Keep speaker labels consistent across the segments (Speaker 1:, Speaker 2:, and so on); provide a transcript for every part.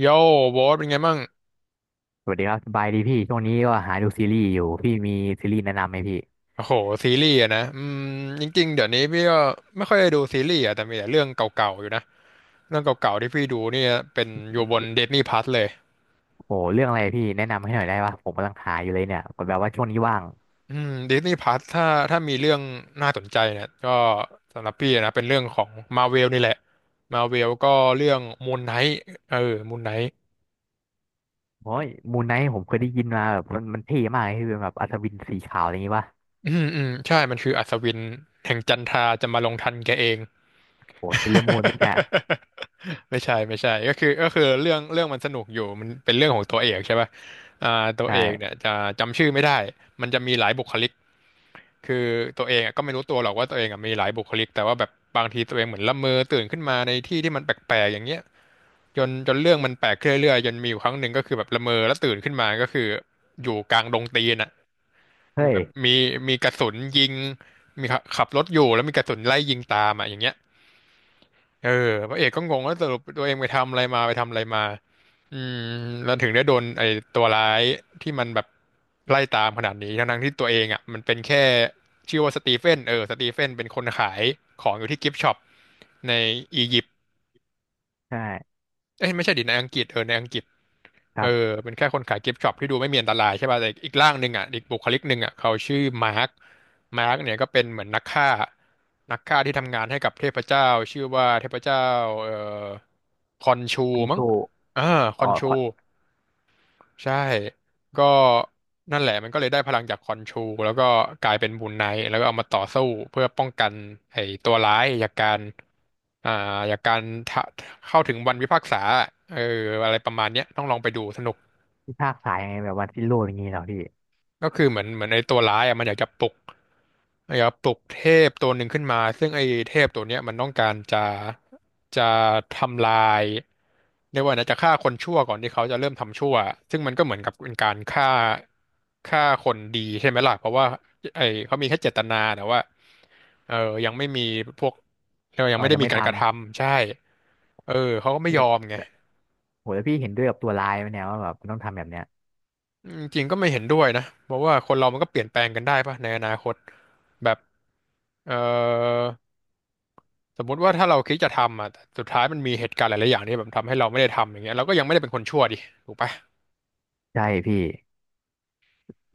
Speaker 1: โย่โบสเป็นไงบ้าง
Speaker 2: สวัสดีครับสบายดีพี่ช่วงนี้ก็หาดูซีรีส์อยู่พี่มีซีรีส์แนะนำไหมพี่
Speaker 1: โอ้โหซีรีส์อะนะจริงๆเดี๋ยวนี้พี่ก็ไม่ค่อยได้ดูซีรีส์อะแต่มีแต่เรื่องเก่าๆอยู่นะเรื่องเก่าๆที่พี่ดูเนี่ยเป็นอยู่บน Disney Plus เลย
Speaker 2: โอ้เรื่องอะไรพี่แนะนำให้หน่อยได้ปะผมกำลังหาอยู่เลยเนี่ยแบบว่าช่วงนี้ว่าง
Speaker 1: อืม Disney Plus ถ้ามีเรื่องน่าสนใจเนี่ยก็สำหรับพี่นะเป็นเรื่องของ Marvel นี่แหละ Marvel ก็เรื่อง Moon Knight เออ Moon Knight
Speaker 2: โอ้ยมูนไนท์ผมเคยได้ยินมาแบบมันเท่มากเลยคือเป็นแบบอัศวินสีขาวอะไรอย่างงี้ปะ
Speaker 1: อืมอืมใช่มันคืออัศวินแห่งจันทราจะมาลงทันแกเอง
Speaker 2: โอ้เป็นเรื่องมูนไหมเนี่ย
Speaker 1: ไม่ใช่ไม่ใช่ก็คือเรื่องมันสนุกอยู่มันเป็นเรื่องของตัวเอกใช่ป่ะตัวเอกเนี่
Speaker 2: ใช่
Speaker 1: ยจะจำชื่อไม่ได้มันจะมีหลายบุคลิกคือตัวเองอะก็ไม่รู้ตัวหรอกว่าตัวเองอะมีหลายบุคลิกแต่ว่าแบบบางทีตัวเองเหมือนละเมอตื่นขึ้นมาในที่ที่มันแปลกๆอย่างเงี้ยจนเรื่องมันแปลกขึ้นเรื่อยๆจนมีอยู่ครั้งหนึ่งก็คือแบบละเมอแล้วตื่นขึ้นมาก็คืออยู่กลางดงตีนอ่ะ
Speaker 2: เฮ้ย
Speaker 1: แบบมีกระสุนยิงมีขับรถอยู่แล้วมีกระสุนไล่ยิงตามอ่ะอย่างเงี้ย เออพระเอกก็งงว่าสรุปตัวเองไปทำอะไรมาไปทำอะไรมาอืมแล้วถึงได้โดนไอ้ตัวร้ายที่มันแบบไล่ตามขนาดนี้ทั้งๆที่ตัวเองอ่ะมันเป็นแค่ชื่อว่าสตีเฟนสตีเฟนเป็นคนขายของอยู่ที่กิฟต์ช็อปในอียิปต์
Speaker 2: ใช่
Speaker 1: เอ้ยไม่ใช่ดิในอังกฤษในอังกฤษ
Speaker 2: ค
Speaker 1: เอ
Speaker 2: รั
Speaker 1: อ
Speaker 2: บ
Speaker 1: เป็นแค่คนขายกิฟต์ช็อปที่ดูไม่มีอันตรายใช่ป่ะแต่อีกร่างหนึ่งอ่ะอีกบุคลิกหนึ่งอ่ะเขาชื่อมาร์คมาร์คเนี่ยก็เป็นเหมือนนักฆ่า นักฆ่าที่ทำงานให้กับเทพเจ้าชื่อว่าเทพเจ้าเอ่อคอนชู
Speaker 2: อันโช
Speaker 1: มั้งอ่าค
Speaker 2: อ๋อ
Speaker 1: อนชู
Speaker 2: ขอ
Speaker 1: ใช่ก็นั่นแหละมันก็เลยได้พลังจากคอนชูแล้วก็กลายเป็นบูนไนท์แล้วก็เอามาต่อสู้เพื่อป้องกันไอ้ตัวร้ายอ่าจากการทะเข้าถึงวันพิพากษาเอออะไรประมาณเนี้ยต้องลองไปดูสนุก
Speaker 2: ที่ภาคสายไงแบบวันที่โลกอย่างงี้เหรอพี่
Speaker 1: ก็คือเหมือนไอ้ตัวร้ายอ่ะมันอยากจะปลุกอยากจะปลุกเทพตัวหนึ่งขึ้นมาซึ่งไอ้เทพตัวเนี้ยมันต้องการจะทำลายเรียกว่านะจะฆ่าคนชั่วก่อนที่เขาจะเริ่มทำชั่วซึ่งมันก็เหมือนกับเป็นการฆ่าคนดีใช่ไหมล่ะเพราะว่าไอ้เขามีแค่เจตนาแต่ว่าเออยังไม่มีพวกเรียกว่ายั
Speaker 2: อ๋
Speaker 1: ง
Speaker 2: อ
Speaker 1: ไม่ได้
Speaker 2: ยัง
Speaker 1: มี
Speaker 2: ไม่
Speaker 1: การก
Speaker 2: ทำ
Speaker 1: ระทำใช่เออเขาก็ไม่ยอมไง
Speaker 2: โอ้แล้วพี่เห็นด้วยกับตัวร้ายไหมเนี่ยว่าแบบมันต้องทำแบบเนี้ย
Speaker 1: จริงก็ไม่เห็นด้วยนะเพราะว่าคนเรามันก็เปลี่ยนแปลงกันได้ปะในอนาคตแบบเอ่อสมมุติว่าถ้าเราคิดจะทำอ่ะแต่สุดท้ายมันมีเหตุการณ์หลายๆอย่างที่แบบทำให้เราไม่ได้ทำอย่างเงี้ยเราก็ยังไม่ได้เป็นคนชั่วดิถูกปะ
Speaker 2: ใช่พี่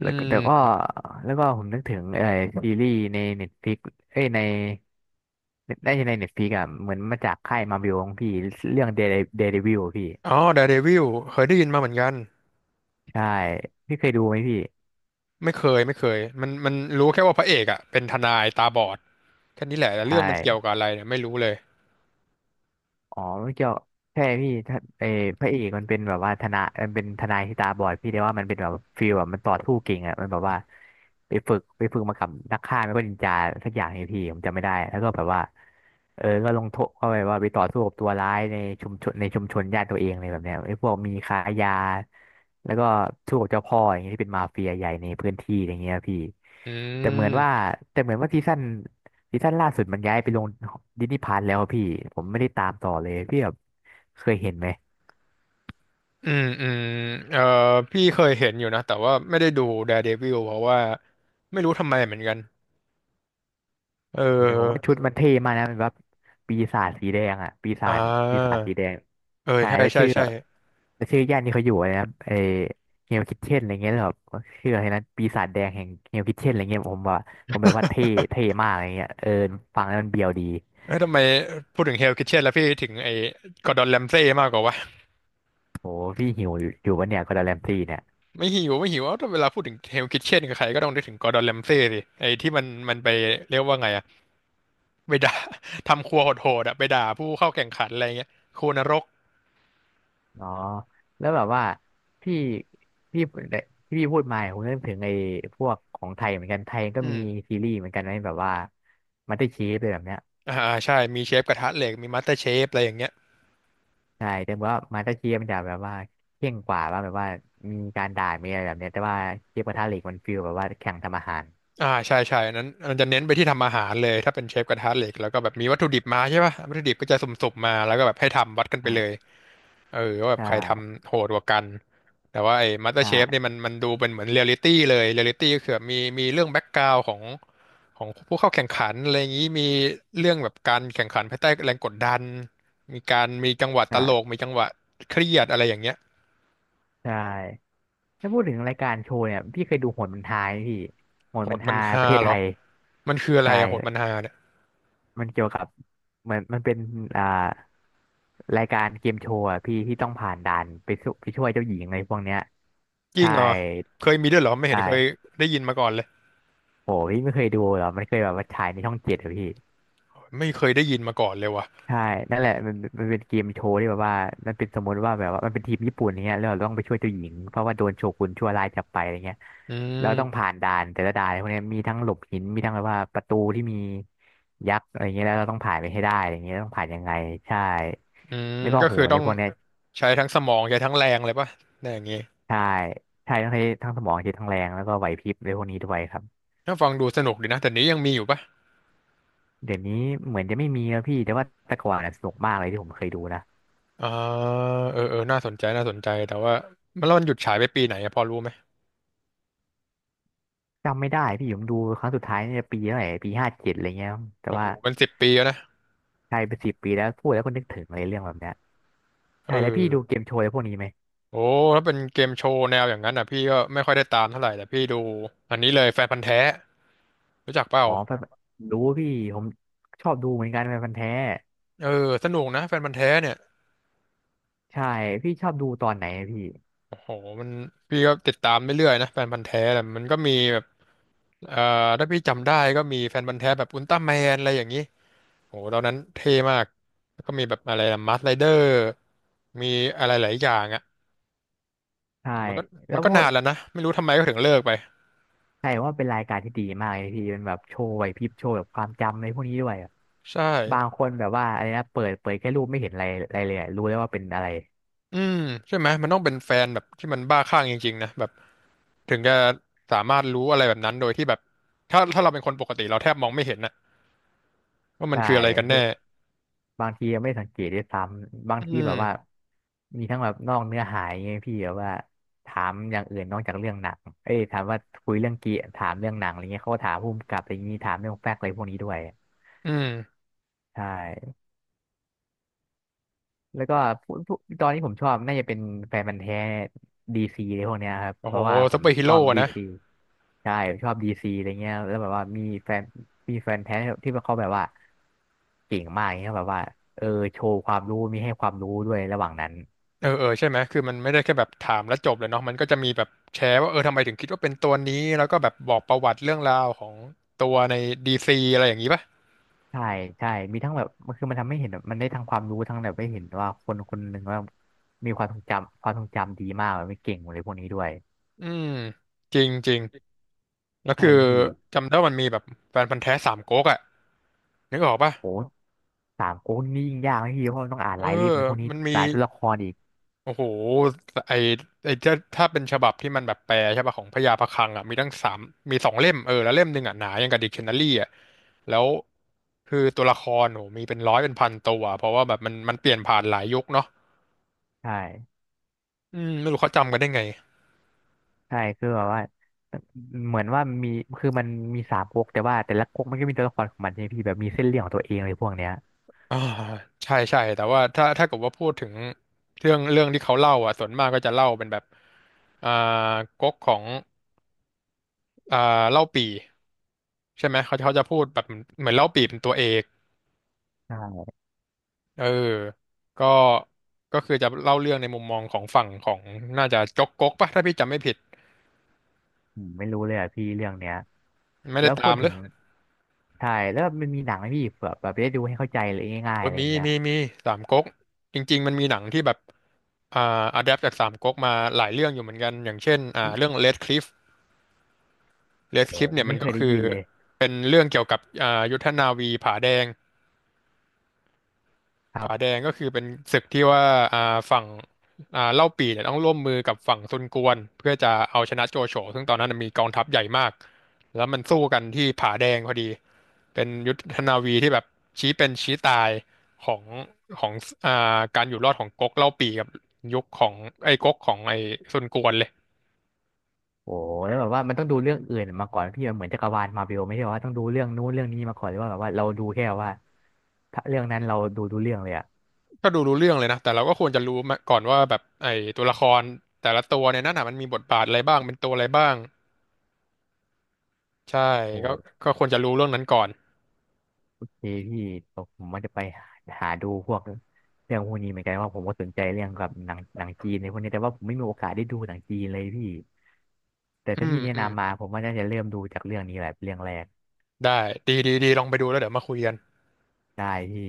Speaker 1: อื
Speaker 2: แล้วก็แต่ก็
Speaker 1: ม
Speaker 2: แล้วก็ผมนึกถึงซีรีส์ในเน็ตฟลิกเอ้ยในได้ในเน็ตฟลิกอะเหมือนมาจากค่ายมาบิวของพี่เรื่องเด e d เด e d วิลพี่
Speaker 1: อ๋อ d ดอะเดวิลเคยได้ยินมาเหมือนกัน
Speaker 2: ใช่พี่เคยดูไหมพี่
Speaker 1: ไม่เคยไม่เคยมันรู้แค่ว่าพระเอกอ่ะเป็นทนายตาบอดแค่นี้แหละแต่
Speaker 2: ใช่
Speaker 1: เรื่องมันเกี่ยวกับอะไรเนี่ยไม่รู้เลย
Speaker 2: อ๋อมันเกี่ยวใช่พี่ถ้าพระเอกมันเป็นแบบว่าทนายมันเป็นทนายที่ตาบอดพี่ได้ว่ามันเป็นแบบฟีลแบบมันต่อสู้เก่งอ่ะมันแบบว่าไปฝึกมากับนักฆ่าไม่ก็นินจาสักอย่างไงพี่ผมจำไม่ได้แล้วก็แบบว่าเออก็ลงโทษเข้าไปว่าไปต่อสู้กับตัวร้ายในชุมชนในชุมชนญาติตัวเองเลยแบบเนี้ยไอ้พวกมีค้ายาแล้วก็สู้กับเจ้าพ่ออย่างเงี้ยที่เป็นมาเฟียใหญ่ในพื้นที่อย่างเงี้ยพี่
Speaker 1: อื
Speaker 2: แต่เหมือนว่า
Speaker 1: ม
Speaker 2: แต่เหมือนว่าซีซั่น ซีซั่นล่าสุดมันย้ายไปลงดิสนีย์พาร์แล้วอะพี่ผมไม่ได้ตามต่อเลยพี่แบบเคยเห็นไหม
Speaker 1: อืมอืมเอ่อพี่เคยเห็นอยู่นะแต่ว่าไม่ได้ดู Daredevil เพราะว่าไม่รู้ทำไมเหมือนกัน เ
Speaker 2: เดี๋ยวผมว่า
Speaker 1: ออ
Speaker 2: ชุดมันเท่มากนะมันแบบปีศาจสีแดงอ่ะ
Speaker 1: อ่า
Speaker 2: ปีศาจสีแดง
Speaker 1: เออ
Speaker 2: ใช่
Speaker 1: ใช่
Speaker 2: แล้ว
Speaker 1: ใช่
Speaker 2: ชื่อ
Speaker 1: ใช่
Speaker 2: ย่านที่เขาอยู่อะไรนะเอเฮลคิทเช่นอะไรเงี้ยแล้วแบบชื่ออะไรนะปีศาจแดงแห่งเฮลคิทเช่นอะไรเงี้ยผมว่าผมแบบว่าเท่มากอะไรเงี้ยเออฟังแล้วมันเบียวดี
Speaker 1: เอ้ยทำไมพูดถึงเฮลคิทเช่นแล้วพี่ถึงไอ้กอร์ดอนแรมเซ่มากกว่าวะ
Speaker 2: โหพี่หิวอยู่วะเนี่ยก็ดดแรมซี่เนี่ย
Speaker 1: ไม่หิวไม่หิวเอ้าถ้าเวลาพูดถึงเฮลคิทเช่นกับใครก็ต้องนึกถึงกอร์ดอนแรมเซ่สิไอ้ที่มันไปเรียกว่าไงอะไปด่า ทำครัวโหดๆอะไปด่าผู้เข้าแข่งขันอะไรเงี้ยครัวนรก
Speaker 2: อ๋อแล้วแบบว่าพี่พี่ที่พี่พูดมาผมนึกถึงไอ้พวกของไทยเหมือนกันไทยก็
Speaker 1: อื
Speaker 2: มี
Speaker 1: ม
Speaker 2: ซีรีส์เหมือนกันนะแบบว่ามาสเตอร์เชฟเลยแบบเนี้ย
Speaker 1: อ่า ใช่ มีเชฟกระทะเหล็กมีมาสเตอร์เชฟอะไรอย่างเงี้ย
Speaker 2: ใช่แต่ว่ามาสเตอร์เชฟมันจะแบบว่าเข่งกว่าว่าแบบว่ามีการด่ามีอะไรแบบเนี้ยแต่ว่าเชฟกระทะเหล็กมันฟีลแบบว่าแข่งทำอาหาร
Speaker 1: อ่า ใช่ใช่อันนั้นมันจะเน้นไปที่ทำอาหารเลยถ้าเป็นเชฟกระทะเหล็กแล้วก็แบบมีวัตถุดิบมาใช่ป่ะวัตถุดิบก็จะสุ่มๆมาแล้วก็แบบให้ทำวัดกันไป
Speaker 2: อ่
Speaker 1: เลย
Speaker 2: า
Speaker 1: เออว่าแบบ
Speaker 2: ใช่
Speaker 1: ใครทำโหดกว่ากันแต่ว่าไอ้มาสเตอร์
Speaker 2: ใช่
Speaker 1: เชฟเนี่ยมันดูเป็นเหมือนเรียลลิตี้เลยเรียลลิตี้ก็คือแบบมีเรื่องแบ็กกราวด์ของผู้เข้าแข่งขันอะไรอย่างนี้มีเรื่องแบบการแข่งขันภายใต้แรงกดดันมีการมีจังหวะตลก
Speaker 2: ใช่
Speaker 1: มีจังหวะเครียดอะไรอย่างเงี้ย
Speaker 2: ใช่ถ้าพูดถึงรายการโชว์เนี่ยพี่เคยดูโหนบันทายไหมพี่โหน
Speaker 1: โห
Speaker 2: บัน
Speaker 1: ดมั
Speaker 2: ทา
Speaker 1: น
Speaker 2: ยป
Speaker 1: ฮา
Speaker 2: ระเทศ
Speaker 1: เหร
Speaker 2: ไท
Speaker 1: อ
Speaker 2: ย
Speaker 1: มันคืออะไร
Speaker 2: ใช่
Speaker 1: อะโหดมันฮาเนี่ย
Speaker 2: มันเกี่ยวกับเหมือนมันเป็นอ่ารายการเกมโชว์อะพี่ที่ต้องผ่านด่านไปสู้ไปช่วยเจ้าหญิงอะไรพวกเนี้ย
Speaker 1: จริง
Speaker 2: ใช่
Speaker 1: เหรอเคยมีด้วยเหรอไม่เห็นเคย
Speaker 2: ใช่
Speaker 1: ได้ยินมาก่อนเลย
Speaker 2: โหพี่ไม่เคยดูเหรอมันเคยแบบว่าฉายในช่องเจ็ดอะพี่
Speaker 1: ไม่เคยได้ยินมาก่อนเลยว่ะ
Speaker 2: ใช่ นั่นแหละมันเป็นเกมโชว์ที่แบบว่ามันเป็นสมมติว่าแบบว่ามันเป็นทีมญี่ปุ่นอย่างเงี้ยแล้วเราต้องไปช่วยเจ้าหญิงเพราะว่าโดนโชกุนชั่วร้ายจับไปอะไรเงี้ย
Speaker 1: อื
Speaker 2: เรา
Speaker 1: ม
Speaker 2: ต้องผ่านด่านแต่ละด่านพวกเนี้ยมีทั้งหลบหินมีทั้งแบบว่าประตูที่มียักษ์อะไรเงี้ยแล้วเราต้องผ่านไปให้ได้อะไรเงี้ยต้องผ่านยังไงใช่ไม่ก็
Speaker 1: ก็
Speaker 2: โห
Speaker 1: คือ
Speaker 2: นอะ
Speaker 1: ต้
Speaker 2: ไร
Speaker 1: อง
Speaker 2: พวกเนี้ย
Speaker 1: ใช้ทั้งสมองใช้ทั้งแรงเลยป่ะในอย่างงี้
Speaker 2: ใช่ใช่ต้องใช้ทั้งสมองใช้ทั้งแรงแล้วก็ไหวพริบอะไรพวกนี้ด้วยครับ
Speaker 1: ถ้าฟังดูสนุกดีนะแต่นี้ยังมีอยู่ปะ
Speaker 2: เดี๋ยวนี้เหมือนจะไม่มีแล้วพี่แต่ว่าแต่ก่อนน่ะสนุกมากเลยที่ผมเคยดูนะ
Speaker 1: อ่าเออเออน่าสนใจน่าสนใจแต่ว่ามันแล้วมันหยุดฉายไปปีไหนอะพอรู้ไหม
Speaker 2: จำไม่ได้พี่ผมดูครั้งสุดท้ายเนี่ยปีเท่าไหร่ปีห้าเจ็ดอะไรเงี้ยแต่
Speaker 1: โอ้โห
Speaker 2: ว่า
Speaker 1: มันสิบปีแล้วนะ
Speaker 2: ใช่เป็นสิบปีแล้วพูดแล้วก็นึกถึงอะไรเรื่องแบบเนี้ย
Speaker 1: เอ
Speaker 2: ใช่แล้ว
Speaker 1: อ
Speaker 2: พี่ดูเกมโชว์อะไรพวกนี้ไหม
Speaker 1: โอ้ถ้าเป็นเกมโชว์แนวอย่างนั้นอ่ะพี่ก็ไม่ค่อยได้ตามเท่าไหร่แต่พี่ดูอันนี้เลยแฟนพันธุ์แท้รู้จักเปล่า
Speaker 2: อ๋อแบบดูพี่ผมชอบดูเหมือนกันเป็นพันธุ์แท้
Speaker 1: เออสนุกนะแฟนพันธุ์แท้เนี่ย
Speaker 2: ใช่พี่ชอบดูตอนไหนอะพี่
Speaker 1: โอ้โหมันพี่ก็ติดตามเรื่อยๆนะแฟนพันธุ์แท้แต่มันก็มีแบบเอ่อถ้าพี่จำได้ก็มีแฟนพันธุ์แท้แบบอุลตร้าแมนอะไรอย่างนี้โอ้โหตอนนั้นเท่มากแล้วก็มีแบบอะไรนะมาสไรเดอร์ มีอะไรหลายอย่างอ่ะ
Speaker 2: ใช่
Speaker 1: แต่มันก็
Speaker 2: แล้
Speaker 1: มั
Speaker 2: ว
Speaker 1: นก็
Speaker 2: ก็
Speaker 1: นานแล้วนะไม่รู้ทำไมก็ถึงเลิกไป
Speaker 2: ใช่ว่าเป็นรายการที่ดีมากเลยพี่เป็นแบบโชว์ไหวพริบโชว์แบบความจำอะไรพวกนี้ด้วยอะ
Speaker 1: ใช่
Speaker 2: บางคนแบบว่าอะไรนะเปิดแค่รูปไม่เห็นอะไรอะไรเลยอะรู้แล้วว่าเป็นอะไร
Speaker 1: อืมใช่ไหมมันต้องเป็นแฟนแบบที่มันบ้าคลั่งจริงๆนะแบบถึงจะสามารถรู้อะไรแบบนั้นโดยที่แบบถ้าเราเป็นคนปกติเราแทบมองไม่เห็นนะว่ามั
Speaker 2: ใช
Speaker 1: นคืออะไรกันแน่
Speaker 2: ่ บางทีไม่สังเกตด้วยซ้ำบาง
Speaker 1: อื
Speaker 2: ทีแบบว่า
Speaker 1: ม
Speaker 2: มีทั้งแบบนอกเนื้อหาอยางเงี้ยพี่แบบว่าถามอย่างอื่นนอกจากเรื่องหนังเอ้ยถามว่าคุยเรื่องเกียถามเรื่องหนังอะไรเงี้ยเขาก็ถามภูมิกับอะไรอย่างงี้ถามเรื่องแฟกต์อะไรพวกนี้ด้วย
Speaker 1: อืม
Speaker 2: ใช่ แล้วก็พวกตอนนี้ผมชอบน่าจะเป็นแฟนพันธุ์แท้ดีซีอะไรพวกเนี้ยครับ
Speaker 1: โอ้
Speaker 2: เพ
Speaker 1: โห
Speaker 2: ราะว่าผ
Speaker 1: ซู
Speaker 2: ม
Speaker 1: เปอร์ฮี
Speaker 2: ชอ
Speaker 1: โร่
Speaker 2: บโอ
Speaker 1: อะ
Speaker 2: ดี
Speaker 1: นะ
Speaker 2: ซีใช่ผมชอบดีซีอะไรเงี้ยแล้วแบบว่ามีแฟนมีแฟนแท้ที่เขาแบบว่าเก่งมากเงี้ยแบบว่าเออโชว์ความรู้มีให้ความรู้ด้วยระหว่างนั้น
Speaker 1: เออเออใช่ไหมคือมันไม่ได้แค่แบบถามแล้วจบเลยเนาะมันก็จะมีแบบแชร์ว่าเออทำไมถึงคิดว่าเป็นตัวนี้แล้วก็แบบบอกประวัติเรื่องราวของตัวในดีซีอะไรอย่างนี้ป่ะ
Speaker 2: ใช่ใช่มีทั้งแบบมันคือมันทำให้เห็นแบบมันได้ทั้งความรู้ทั้งแบบได้เห็นว่าคนคนหนึ่งว่ามีความทรงจำดีมากแบบไม่เก่งอะไรพวกนี้ด้วย
Speaker 1: อืมจริงจริง แล้ว
Speaker 2: ใช่
Speaker 1: คือ
Speaker 2: พี่
Speaker 1: จำได้ว่ามันมีแบบแฟนพันธุ์แท้สามก๊กอ่ะนึกออกป่ะ
Speaker 2: โอ้สามก๊กนี่ยิ่งยากนะพี่เพราะมันต้องอ่าน
Speaker 1: เอ
Speaker 2: รายเล่ม
Speaker 1: อ
Speaker 2: ในพวกนี้
Speaker 1: มันมี
Speaker 2: รายตัวละครอีก
Speaker 1: โอ้โหไอไอจะถ้าเป็นฉบับที่มันแบบแปลใช่ป่ะของพญาพะคลังอ่ะมีตั้งสามมีสองเล่มเออแล้วเล่มหนึ่งอ่ะหนายังกับดิกชันนารีอ่ะแล้วคือตัวละครโหมีเป็นร้อยเป็นพันตัวเพราะว่าแบบมันเปลี่ยนผ่านหลายยุคเนาะ
Speaker 2: ใช่
Speaker 1: ไม่รู้เขาจำกันได้ไง
Speaker 2: ใช่คือแบบว่าเหมือนว่ามีคือมันมีสามก๊กแต่ว่าแต่ละก๊กมันก็มีตัวละครของมันใช่ไหมพี่แบบมีเส้นเรื่องของตัวเองเลยพวกเนี้ย
Speaker 1: อ่าใช่ใช่แต่ว่าถ้าถ้าเกิดว่าพูดถึงเรื่องเรื่องที่เขาเล่าอ่ะส่วนมากก็จะเล่าเป็นแบบอ่าก๊กของ อ่าเล่าปี่ใช่ไหมเขาจะพูดแบบเหมือนเล่าปี่เป็นตัวเอก
Speaker 2: ใช่
Speaker 1: เออก็ก็คือจะเล่าเรื่องในมุมมองของฝั่งของน่าจะจ๊กก๊กปะถ้าพี่จำไม่ผิด
Speaker 2: ผมไม่รู้เลยอ่ะพี่เรื่องเนี้ย
Speaker 1: ไม่
Speaker 2: แล้
Speaker 1: ได้
Speaker 2: วพู
Speaker 1: ตา
Speaker 2: ด
Speaker 1: มห
Speaker 2: ถึ
Speaker 1: รื
Speaker 2: ง
Speaker 1: อ
Speaker 2: ใช่แล้วมันมีหนังไหมพี่เผื่อแบบได้ดูให้เข้าใจเลยง่ายๆ
Speaker 1: โอ้
Speaker 2: อะ
Speaker 1: ย
Speaker 2: ไรแบ
Speaker 1: มี
Speaker 2: บเนี้ย
Speaker 1: มีมีสามก๊กจริงๆมันมีหนังที่แบบอ่าอะแดปจากสามก๊กมาหลายเรื่องอยู่เหมือนกันอย่างเช่นเรื่อง Red Cliff Red
Speaker 2: โอ้
Speaker 1: Cliff เนี่ย
Speaker 2: ไม่
Speaker 1: มัน
Speaker 2: เค
Speaker 1: ก็
Speaker 2: ยได้
Speaker 1: คือ
Speaker 2: ยินเลย
Speaker 1: เป็นเรื่องเกี่ยวกับยุทธนาวีผาแดง
Speaker 2: ครั
Speaker 1: ผาแด
Speaker 2: บ
Speaker 1: งก็คือเป็นศึกที่ว่าฝั่งเล่าปี่เนี่ยต้องร่วมมือกับฝั่งซุนกวนเพื่อจะเอาชนะโจโฉซึ่งตอนนั้นมีกองทัพใหญ่มากแล้วมันสู้กันที่ผาแดงพอดีเป็นยุทธนาวีที่แบบชี้เป็นชี้ตายของของการอยู่รอดของก๊กเล่าปี่กับยุคของไอ้ก๊กของไอ้ซุนกวนเลย
Speaker 2: โอ้แล้วแบบว่ามันต้องดูเรื่องอื่นมาก่อนพี่มันเหมือนจักรวาลมาร์เวลไม่ใช่ว่าต้องดูเรื่องนู้นเรื่องนี้มาก่อนหรือว่าแบบว่าเราดูแค่ว่าถ้าเรื่องนั้นเราดูเรื่องเลยอ่ะ
Speaker 1: ก็ดูรู้เรื่องเลยนะแต่เราก็ควรจะรู้มาก่อนว่าแบบไอ้ตัวละครแต่ละตัวเนี่ยนั่นน่ะมันมีบทบาทอะไรบ้างเป็นตัวอะไรบ้างใช่
Speaker 2: โอ้
Speaker 1: ก็ก็ควรจะรู้เรื่องนั้นก่อน
Speaker 2: โพี่พี่ผมว่าจะไปหาดูพวกเรื่องพวกนี้เหมือนกันว่าผมก็สนใจเรื่องกับหนังจีนในพวกนี้แต่ว่าผมไม่มีโอกาสได้ดูหนังจีนเลยพี่แต่
Speaker 1: อื
Speaker 2: ถ้า
Speaker 1: ม
Speaker 2: พี่แนะ
Speaker 1: อืม
Speaker 2: นำมาผมว่าน่าจะเริ่มดูจากเรื่องนี้แหละเป็นเรื่องแรก
Speaker 1: ได้ดีดีดีลองไปดูแล้วเดี๋ยวมาคุยกัน
Speaker 2: ได้พี่